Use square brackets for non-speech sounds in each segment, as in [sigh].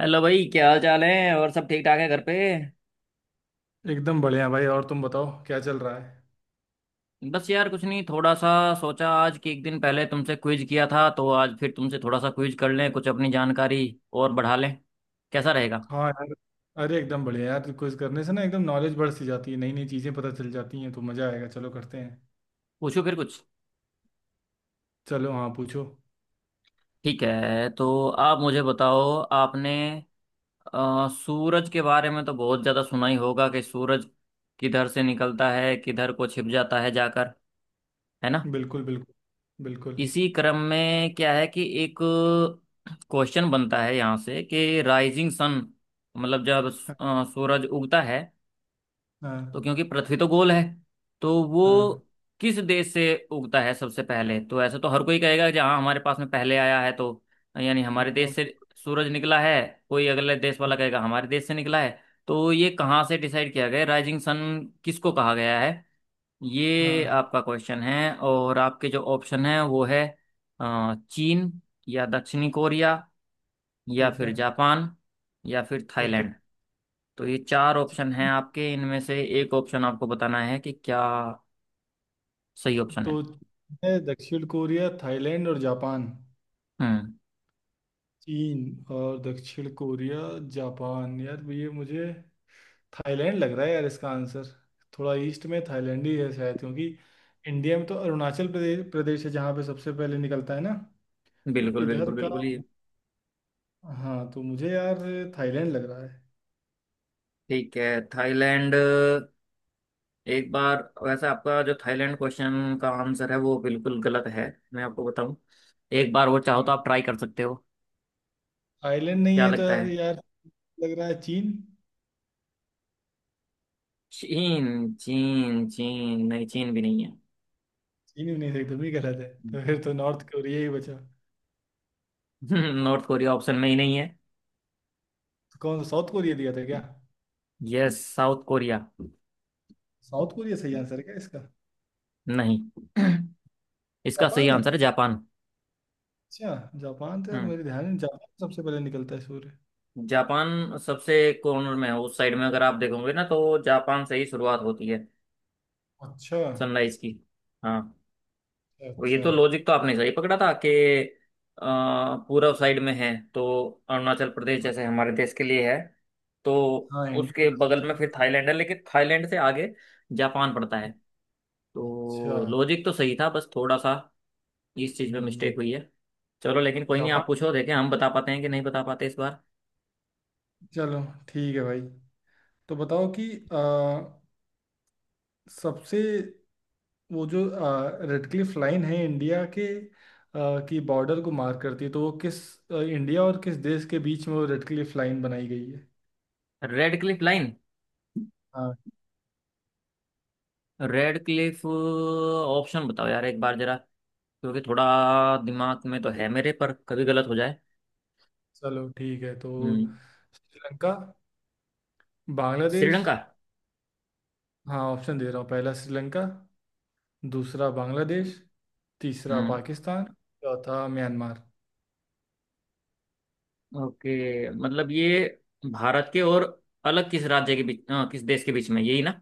Hello भाई, क्या हाल चाल है? और सब ठीक ठाक है घर पे? एकदम बढ़िया भाई। और तुम बताओ क्या चल रहा है। बस यार कुछ नहीं, थोड़ा सा सोचा आज कि एक दिन पहले तुमसे क्विज किया था तो आज फिर तुमसे थोड़ा सा क्विज कर लें, कुछ अपनी जानकारी और बढ़ा लें। कैसा रहेगा? हाँ यार। अरे एकदम बढ़िया यार, क्विज करने से ना एकदम नॉलेज बढ़ सी जाती है, नई नई चीज़ें पता चल जाती हैं, तो मज़ा आएगा, चलो करते हैं। पूछो फिर कुछ। चलो, हाँ, पूछो। ठीक है, तो आप मुझे बताओ, आपने सूरज के बारे में तो बहुत ज़्यादा सुना ही होगा कि सूरज किधर से निकलता है, किधर को छिप जाता है जाकर, है ना? बिल्कुल, बिल्कुल, बिल्कुल। इसी क्रम में क्या है कि एक क्वेश्चन बनता है यहाँ से कि राइजिंग सन, मतलब जब हाँ, सूरज उगता है, तो हाँ, क्योंकि पृथ्वी तो गोल है, तो हाँ, वो किस देश से उगता है सबसे पहले? तो ऐसा तो हर कोई कहेगा जहाँ हमारे पास में पहले आया है, तो यानी हमारे देश हाँ, से सूरज निकला है। कोई अगले देश वाला कहेगा हमारे देश से निकला है। तो ये कहाँ से डिसाइड किया गया, राइजिंग सन किसको कहा गया है? ये हाँ, आपका क्वेश्चन है। और आपके जो ऑप्शन है वो है चीन, या दक्षिणी कोरिया, या ठीक है। फिर जापान, या फिर ओके। थाईलैंड। तो ये चार ऑप्शन हैं आपके, इनमें से एक ऑप्शन आपको बताना है कि क्या सही ऑप्शन है। तो है दक्षिण कोरिया, थाईलैंड और जापान, हम्म। चीन, और दक्षिण कोरिया। जापान। यार, ये मुझे थाईलैंड लग रहा है यार इसका आंसर। थोड़ा ईस्ट में थाईलैंड ही है शायद, क्योंकि इंडिया में तो अरुणाचल प्रदेश प्रदेश है जहाँ पे सबसे पहले निकलता है ना। तो बिल्कुल इधर बिल्कुल का। बिल्कुल, ये हाँ, तो मुझे यार थाईलैंड लग रहा है। ठीक है। थाईलैंड? एक बार, वैसे आपका जो थाईलैंड क्वेश्चन का आंसर है वो बिल्कुल गलत है। मैं आपको बताऊं, एक बार वो चाहो तो हाँ, आप ट्राई कर सकते हो। थाईलैंड नहीं क्या है तो लगता है? अब यार। लग रहा है चीन। चीन? चीन, चीन नहीं, चीन भी नहीं है। चीन भी नहीं था, तुम ही कह रहे थे, तो फिर तो नॉर्थ कोरिया ही बचा तो। [laughs] नॉर्थ कोरिया ऑप्शन में ही नहीं है। कौन सा? साउथ कोरिया दिया था क्या? Yes, south Korea? South Korea सही आंसर है क्या इसका? नहीं। [clears throat] इसका सही जापान है? आंसर है जापान। अच्छा। जापान तो यार हम्म। मेरे ध्यान में जापान सबसे पहले निकलता है सूर्य। जापान सबसे कॉर्नर में है उस साइड में, अगर आप देखोगे ना तो जापान से ही शुरुआत होती है अच्छा। सनराइज की। हाँ, और ये अच्छा। तो लॉजिक तो आपने सही पकड़ा था कि पूर्व साइड में है, तो अरुणाचल प्रदेश अच्छा। जैसे हमारे देश के लिए है। तो हाँ, उसके इंडियन का बगल सबसे में फिर ज्यादा। थाईलैंड है, लेकिन थाईलैंड से आगे जापान पड़ता है। अच्छा। तो लॉजिक तो सही था, बस थोड़ा सा इस चीज़ में हम्म, मिस्टेक हुई है। चलो लेकिन कोई नहीं, जापान। आप पूछो, देखें हम बता पाते हैं कि नहीं बता पाते इस बार। चलो ठीक है भाई। तो बताओ कि सबसे, वो जो रेडक्लिफ लाइन है, इंडिया के की बॉर्डर को मार्क करती है, तो वो किस इंडिया और किस देश के बीच में वो रेडक्लिफ लाइन बनाई गई है? रेड क्लिफ लाइन, हाँ। रेड क्लिफ, ऑप्शन बताओ यार एक बार जरा, क्योंकि थोड़ा दिमाग में तो है मेरे, पर कभी गलत हो जाए। चलो ठीक है तो। हम्म। श्रीलंका, बांग्लादेश। श्रीलंका? हाँ, ऑप्शन दे रहा हूँ। पहला श्रीलंका, दूसरा बांग्लादेश, तीसरा हम्म। पाकिस्तान, चौथा म्यांमार। ओके, मतलब ये भारत के और अलग किस राज्य के बीच, किस देश के बीच में, यही ना?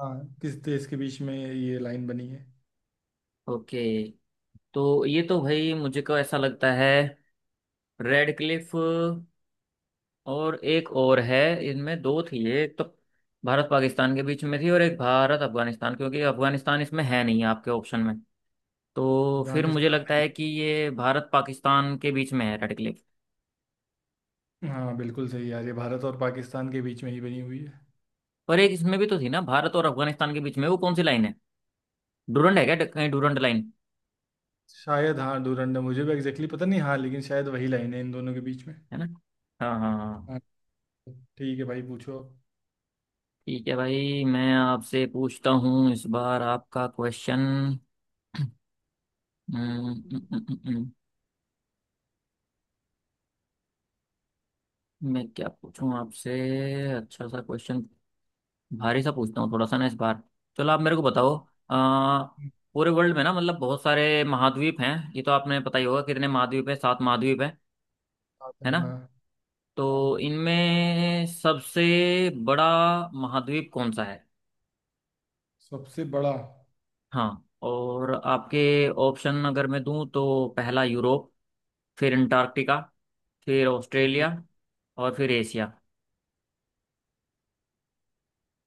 हाँ, किस देश के बीच में ये लाइन बनी है? ओके। तो ये तो भाई मुझे को ऐसा लगता है, रेड क्लिफ, और एक और है, इनमें दो थी, एक तो भारत पाकिस्तान के बीच में थी और एक भारत अफगानिस्तान, क्योंकि अफगानिस्तान इसमें है नहीं आपके ऑप्शन में, तो फिर मुझे अफगानिस्तान लगता नहीं। है कि ये भारत पाकिस्तान के बीच में है, रेड क्लिफ। हाँ, बिल्कुल सही यार, ये भारत और पाकिस्तान के बीच में ही बनी हुई है। पर एक इसमें भी तो थी ना, भारत और अफगानिस्तान के बीच में, वो कौन सी लाइन है? डूरंड है क्या? कहीं डूरंड लाइन, शायद, हाँ डोरंडम, मुझे भी एग्जैक्टली exactly पता नहीं, हाँ लेकिन शायद वही लाइन है इन दोनों के बीच में। है ना? हाँ हाँ हाँ। हाँ, ठीक है भाई, पूछो। ठीक है भाई, मैं आपसे पूछता हूँ इस बार आपका क्वेश्चन। [clears throat] मैं क्या पूछूं आपसे? अच्छा सा क्वेश्चन, भारी सा पूछता हूँ थोड़ा सा ना इस बार। चलो आप मेरे को बताओ, आ, पूरे वर्ल्ड में ना, मतलब बहुत सारे महाद्वीप हैं, ये तो आपने पता ही होगा, कितने महाद्वीप हैं? सात महाद्वीप हैं, आप। है ना? हाँ। तो हाँ। इनमें सबसे बड़ा महाद्वीप कौन सा है? सबसे बड़ा। हाँ। और आपके ऑप्शन अगर मैं दूं तो पहला यूरोप, फिर अंटार्कटिका, फिर ओके। ऑस्ट्रेलिया, और फिर एशिया।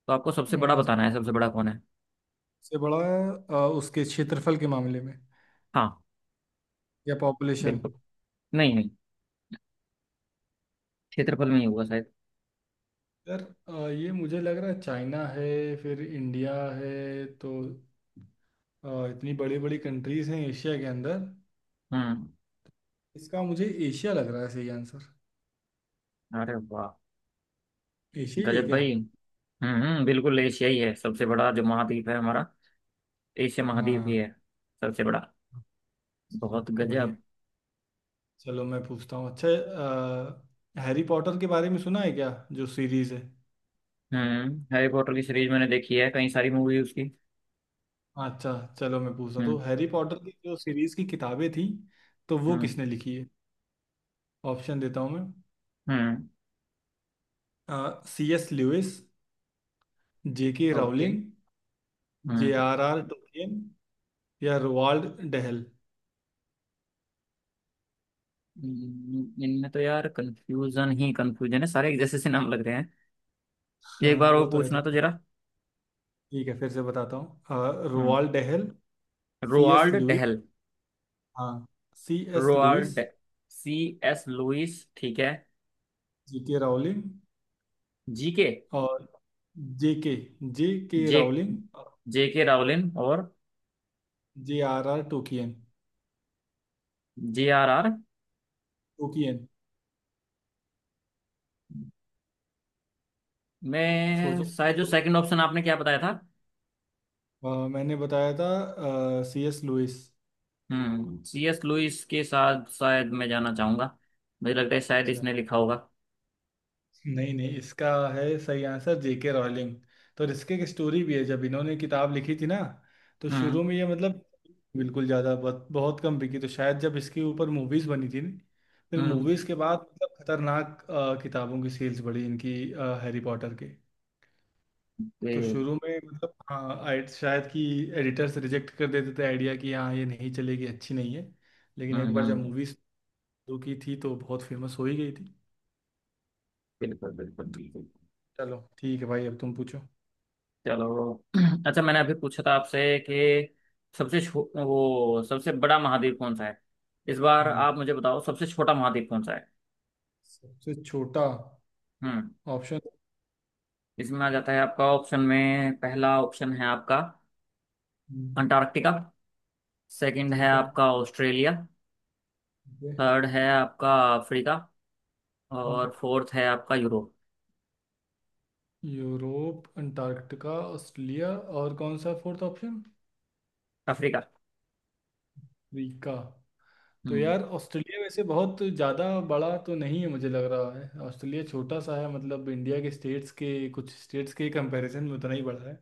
तो आपको सबसे बड़ा अ, बताना है, सबसे बड़ा कौन है? सबसे बड़ा? उसके क्षेत्रफल के मामले में हाँ। या पॉपुलेशन? बिल्कुल। नहीं नहीं, क्षेत्रफल में ही होगा शायद। यार, ये मुझे लग रहा है चाइना है, फिर इंडिया है तो। इतनी बड़ी बड़ी कंट्रीज हैं एशिया के अंदर। हम्म। इसका मुझे एशिया लग रहा है सही आंसर। अरे वाह! एशिया ही है गजब क्या? भाई! हम्म, बिल्कुल, एशिया ही है सबसे बड़ा जो महाद्वीप है हमारा, एशिया महाद्वीप ही हाँ, है सबसे बड़ा। चलो। बहुत बढ़िया। गजब। चलो मैं पूछता हूँ अच्छा। हैरी पॉटर के बारे में सुना है क्या, जो सीरीज है? हम्म, हैरी पॉटर की सीरीज मैंने देखी है, कई सारी मूवी उसकी। अच्छा, चलो मैं पूछता हूँ। हम्म। तो हैरी पॉटर की जो सीरीज की किताबें थी, तो वो हम्म। किसने लिखी है? ऑप्शन देता हूँ मैं। हम्म। सी एस ल्यूइस, जे के ओके। रावलिंग, जे हम्म। आर आर टोकिन, या रोवाल्ड डहल। इनमें तो यार कंफ्यूजन ही कंफ्यूजन है, सारे एक जैसे से नाम लग रहे हैं। एक हाँ बार वो वो तो है पूछना तो। तो जरा। ठीक है, फिर से बताता हूँ। हम्म। Roald Dahl, C S Roald Lewis. Dahl, हाँ, C S Lewis, Roald, C S Lewis, ठीक है। जे के राउलिंग जी के, और जे के। जे के जे, राउलिंग, जे के रावलिन, और J R R Tolkien J R R. Tolkien मैं सोचो। शायद, जो सेकंड ऑप्शन आपने क्या बताया था। मैंने बताया था सी एस लुइस। हम्म, सी एस लुइस के साथ शायद मैं जाना चाहूंगा, मुझे लगता है शायद इसने लिखा होगा। नहीं, नहीं, इसका है सही आंसर जेके रॉलिंग। तो इसके की स्टोरी भी है, जब इन्होंने किताब लिखी थी ना। तो हम्म। शुरू में ये मतलब बिल्कुल ज़्यादा बहुत बहुत कम बिकी। तो शायद जब इसके ऊपर मूवीज़ बनी थी न, फिर हम्म। मूवीज़ के बाद मतलब खतरनाक किताबों की सेल्स बढ़ी इनकी, हैरी पॉटर के। तो ये- शुरू में मतलब हाँ, शायद कि एडिटर्स रिजेक्ट कर देते थे आइडिया कि हाँ ये नहीं चलेगी, अच्छी नहीं है। लेकिन एक हम्म। बार जब मूवीज़ शुरू की थी, तो बहुत फेमस हो ही गई थी। बिल्कुल बिल्कुल तो बिल्कुल। चलो, ठीक है भाई, अब तुम पूछो। चलो। [clears throat] अच्छा, मैंने अभी पूछा था आपसे कि वो सबसे बड़ा महाद्वीप कौन सा है, इस बार आप मुझे बताओ सबसे छोटा महाद्वीप कौन सा है। सबसे छोटा। हम्म। ऑप्शन। इसमें आ जाता है आपका ऑप्शन में, पहला ऑप्शन है आपका अंटार्कटिका, सेकंड है ठीक है। आपका ऑस्ट्रेलिया, ठीक है। थर्ड है आपका अफ्रीका, और फोर्थ है आपका यूरोप। यूरोप, अंटार्कटिका, ऑस्ट्रेलिया और कौन सा फोर्थ ऑप्शन? अफ्रीका। अफ्रीका। तो हम्म। यार ऑस्ट्रेलिया वैसे बहुत ज़्यादा बड़ा तो नहीं है, मुझे लग रहा है ऑस्ट्रेलिया छोटा सा है, मतलब इंडिया के स्टेट्स के, कुछ स्टेट्स के कंपैरिजन में उतना ही बड़ा है।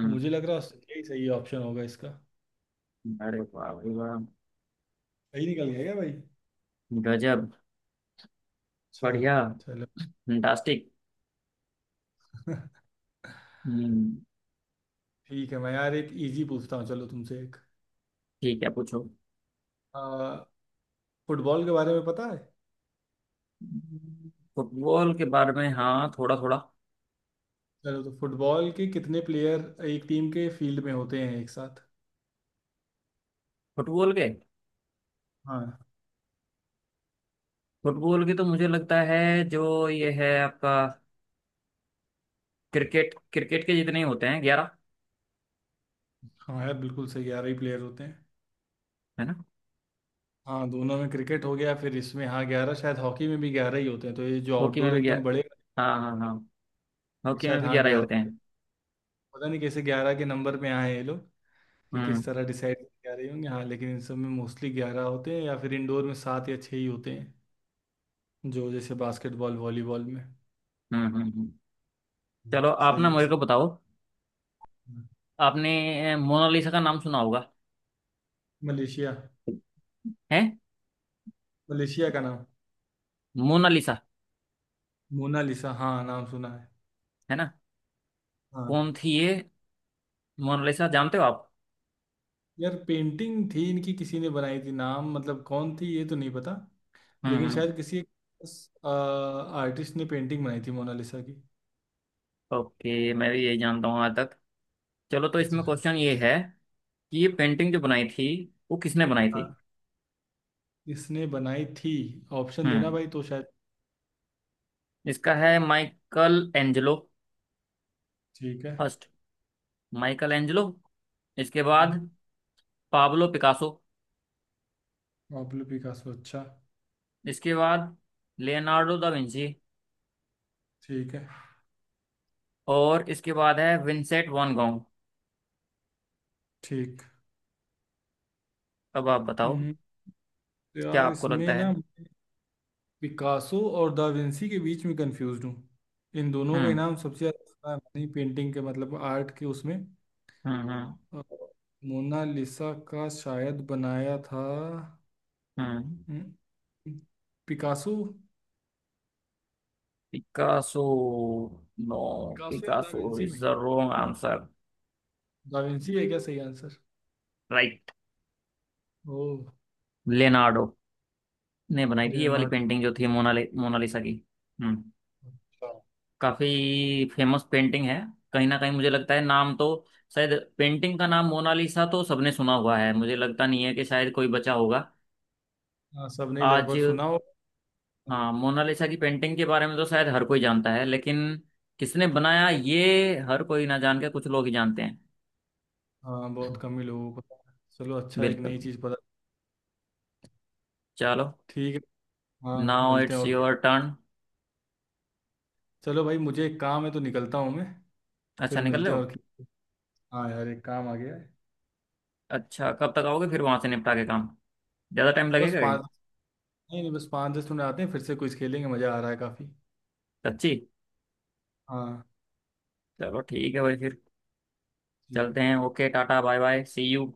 तो मुझे लग रहा है ऑस्ट्रेलिया ही सही ऑप्शन होगा इसका। अरे वाह भाई वाह! सही निकल गया क्या भाई? गजब। अच्छा। बढ़िया। चलो। फंटास्टिक। [laughs] हम्म। ठीक है, मैं यार एक इजी पूछता हूँ, चलो तुमसे एक। ठीक है, पूछो। आ, फुटबॉल के बारे में पता है? फुटबॉल के बारे में? हाँ, थोड़ा थोड़ा। चलो, तो फुटबॉल के कितने प्लेयर एक टीम के फील्ड में होते हैं एक साथ? फुटबॉल के, हाँ। फुटबॉल के तो मुझे लगता है जो ये है आपका, क्रिकेट, क्रिकेट के जितने ही होते हैं, 11। हाँ यार, बिल्कुल सही, 11 ही प्लेयर होते हैं। है ना? हाँ, दोनों में क्रिकेट हो गया, फिर इसमें हाँ 11, शायद हॉकी में भी 11 ही होते हैं, तो ये जो हॉकी में आउटडोर भी एकदम 11? बड़े हाँ हाँ हाँ, वाले, हॉकी में शायद भी हाँ 11 ही होते 11। हैं। पता नहीं कैसे 11 के नंबर पे आए हैं ये लोग, कि हम्म। किस तरह डिसाइड 11 होंगे। हाँ लेकिन इन सब में मोस्टली 11 होते हैं, या फिर इंडोर में सात या छः ही होते हैं। जो जैसे बास्केटबॉल, वॉलीबॉल में। हम्म। हम्म। हम्म। हम्म। चलो आप ना सही है। मेरे को बताओ, सही। आपने मोनालिसा का नाम सुना होगा। मलेशिया? है। मलेशिया का नाम? मोनालिसा, मोनालिसा, हाँ, नाम सुना है। है ना? हाँ कौन थी ये, मोनालिसा जानते हो आप? यार, पेंटिंग थी इनकी, किसी ने बनाई थी, नाम मतलब कौन थी ये तो नहीं पता। हम्म। लेकिन हम्म। शायद किसी एक आर्टिस्ट ने पेंटिंग बनाई थी मोनालिसा की। ओके, मैं भी यही जानता हूँ आज तक। चलो, तो इसमें अच्छा। क्वेश्चन ये है कि ये पेंटिंग जो बनाई थी, वो किसने बनाई हाँ, थी? इसने बनाई थी? ऑप्शन देना हम्म। भाई, तो शायद। इसका है माइकल एंजेलो ठीक है। फर्स्ट, माइकल एंजेलो, इसके हम्म, बाद पाब्लो पिकासो, पाब्लो पिकासो। अच्छा। इसके बाद लियोनार्डो दा विंची, ठीक है। और इसके बाद है विंसेंट वैन गॉग। ठीक। अब आप बताओ, हम्म, तो क्या यार आपको लगता इसमें ना है? पिकासो और दा विंसी के बीच में कंफ्यूज हूँ। इन दोनों का हम्म। इनाम सबसे ज्यादा नहीं पेंटिंग के, मतलब आर्ट के उसमें। Mm-hmm. अ, मोनालिसा का शायद बनाया था Mm. हम्म, पिकासो। पिकासो? नो, पिकासो या दा पिकासो विंची में इज द रॉन्ग ही। आंसर। दा विंची है क्या सही आंसर? राइट। ओ, लियोनार्डो ने बनाई थी ये वाली लियोनार्डो। पेंटिंग जो थी मोनालिसा की। हम्म, अच्छा। काफी फेमस पेंटिंग है, कहीं ना कहीं मुझे लगता है, नाम तो शायद, पेंटिंग का नाम मोनालिसा तो सबने सुना हुआ है, मुझे लगता नहीं है कि शायद कोई बचा होगा हाँ, सबने ही आज। लगभग सुना हो। हाँ, मोनालिसा की पेंटिंग के बारे में तो शायद हर कोई जानता है, लेकिन किसने बनाया ये हर कोई ना जान के, कुछ लोग ही जानते हैं। हाँ, बहुत कम ही लोगों को पता है। चलो, अच्छा एक बिल्कुल। नई चीज़ पता। चलो। ठीक है। हाँ, नाउ मिलते हैं इट्स और क्या। Your turn. चलो भाई, मुझे एक काम है तो निकलता हूँ मैं। अच्छा, फिर निकल मिलते रहे हैं हो? और खेलते हैं। हाँ यार, एक काम आ गया है। अच्छा, कब तक आओगे फिर वहां से निपटा के काम? ज्यादा टाइम बस लगेगा क्या? पाँच। नहीं, नहीं, बस 5-10 मिनट, आते हैं फिर से कुछ खेलेंगे, मज़ा आ रहा है काफ़ी। सच्ची? हाँ। चलो ठीक है भाई, फिर चलते ठीक। हैं। Okay, ta ta, bye bye, see you.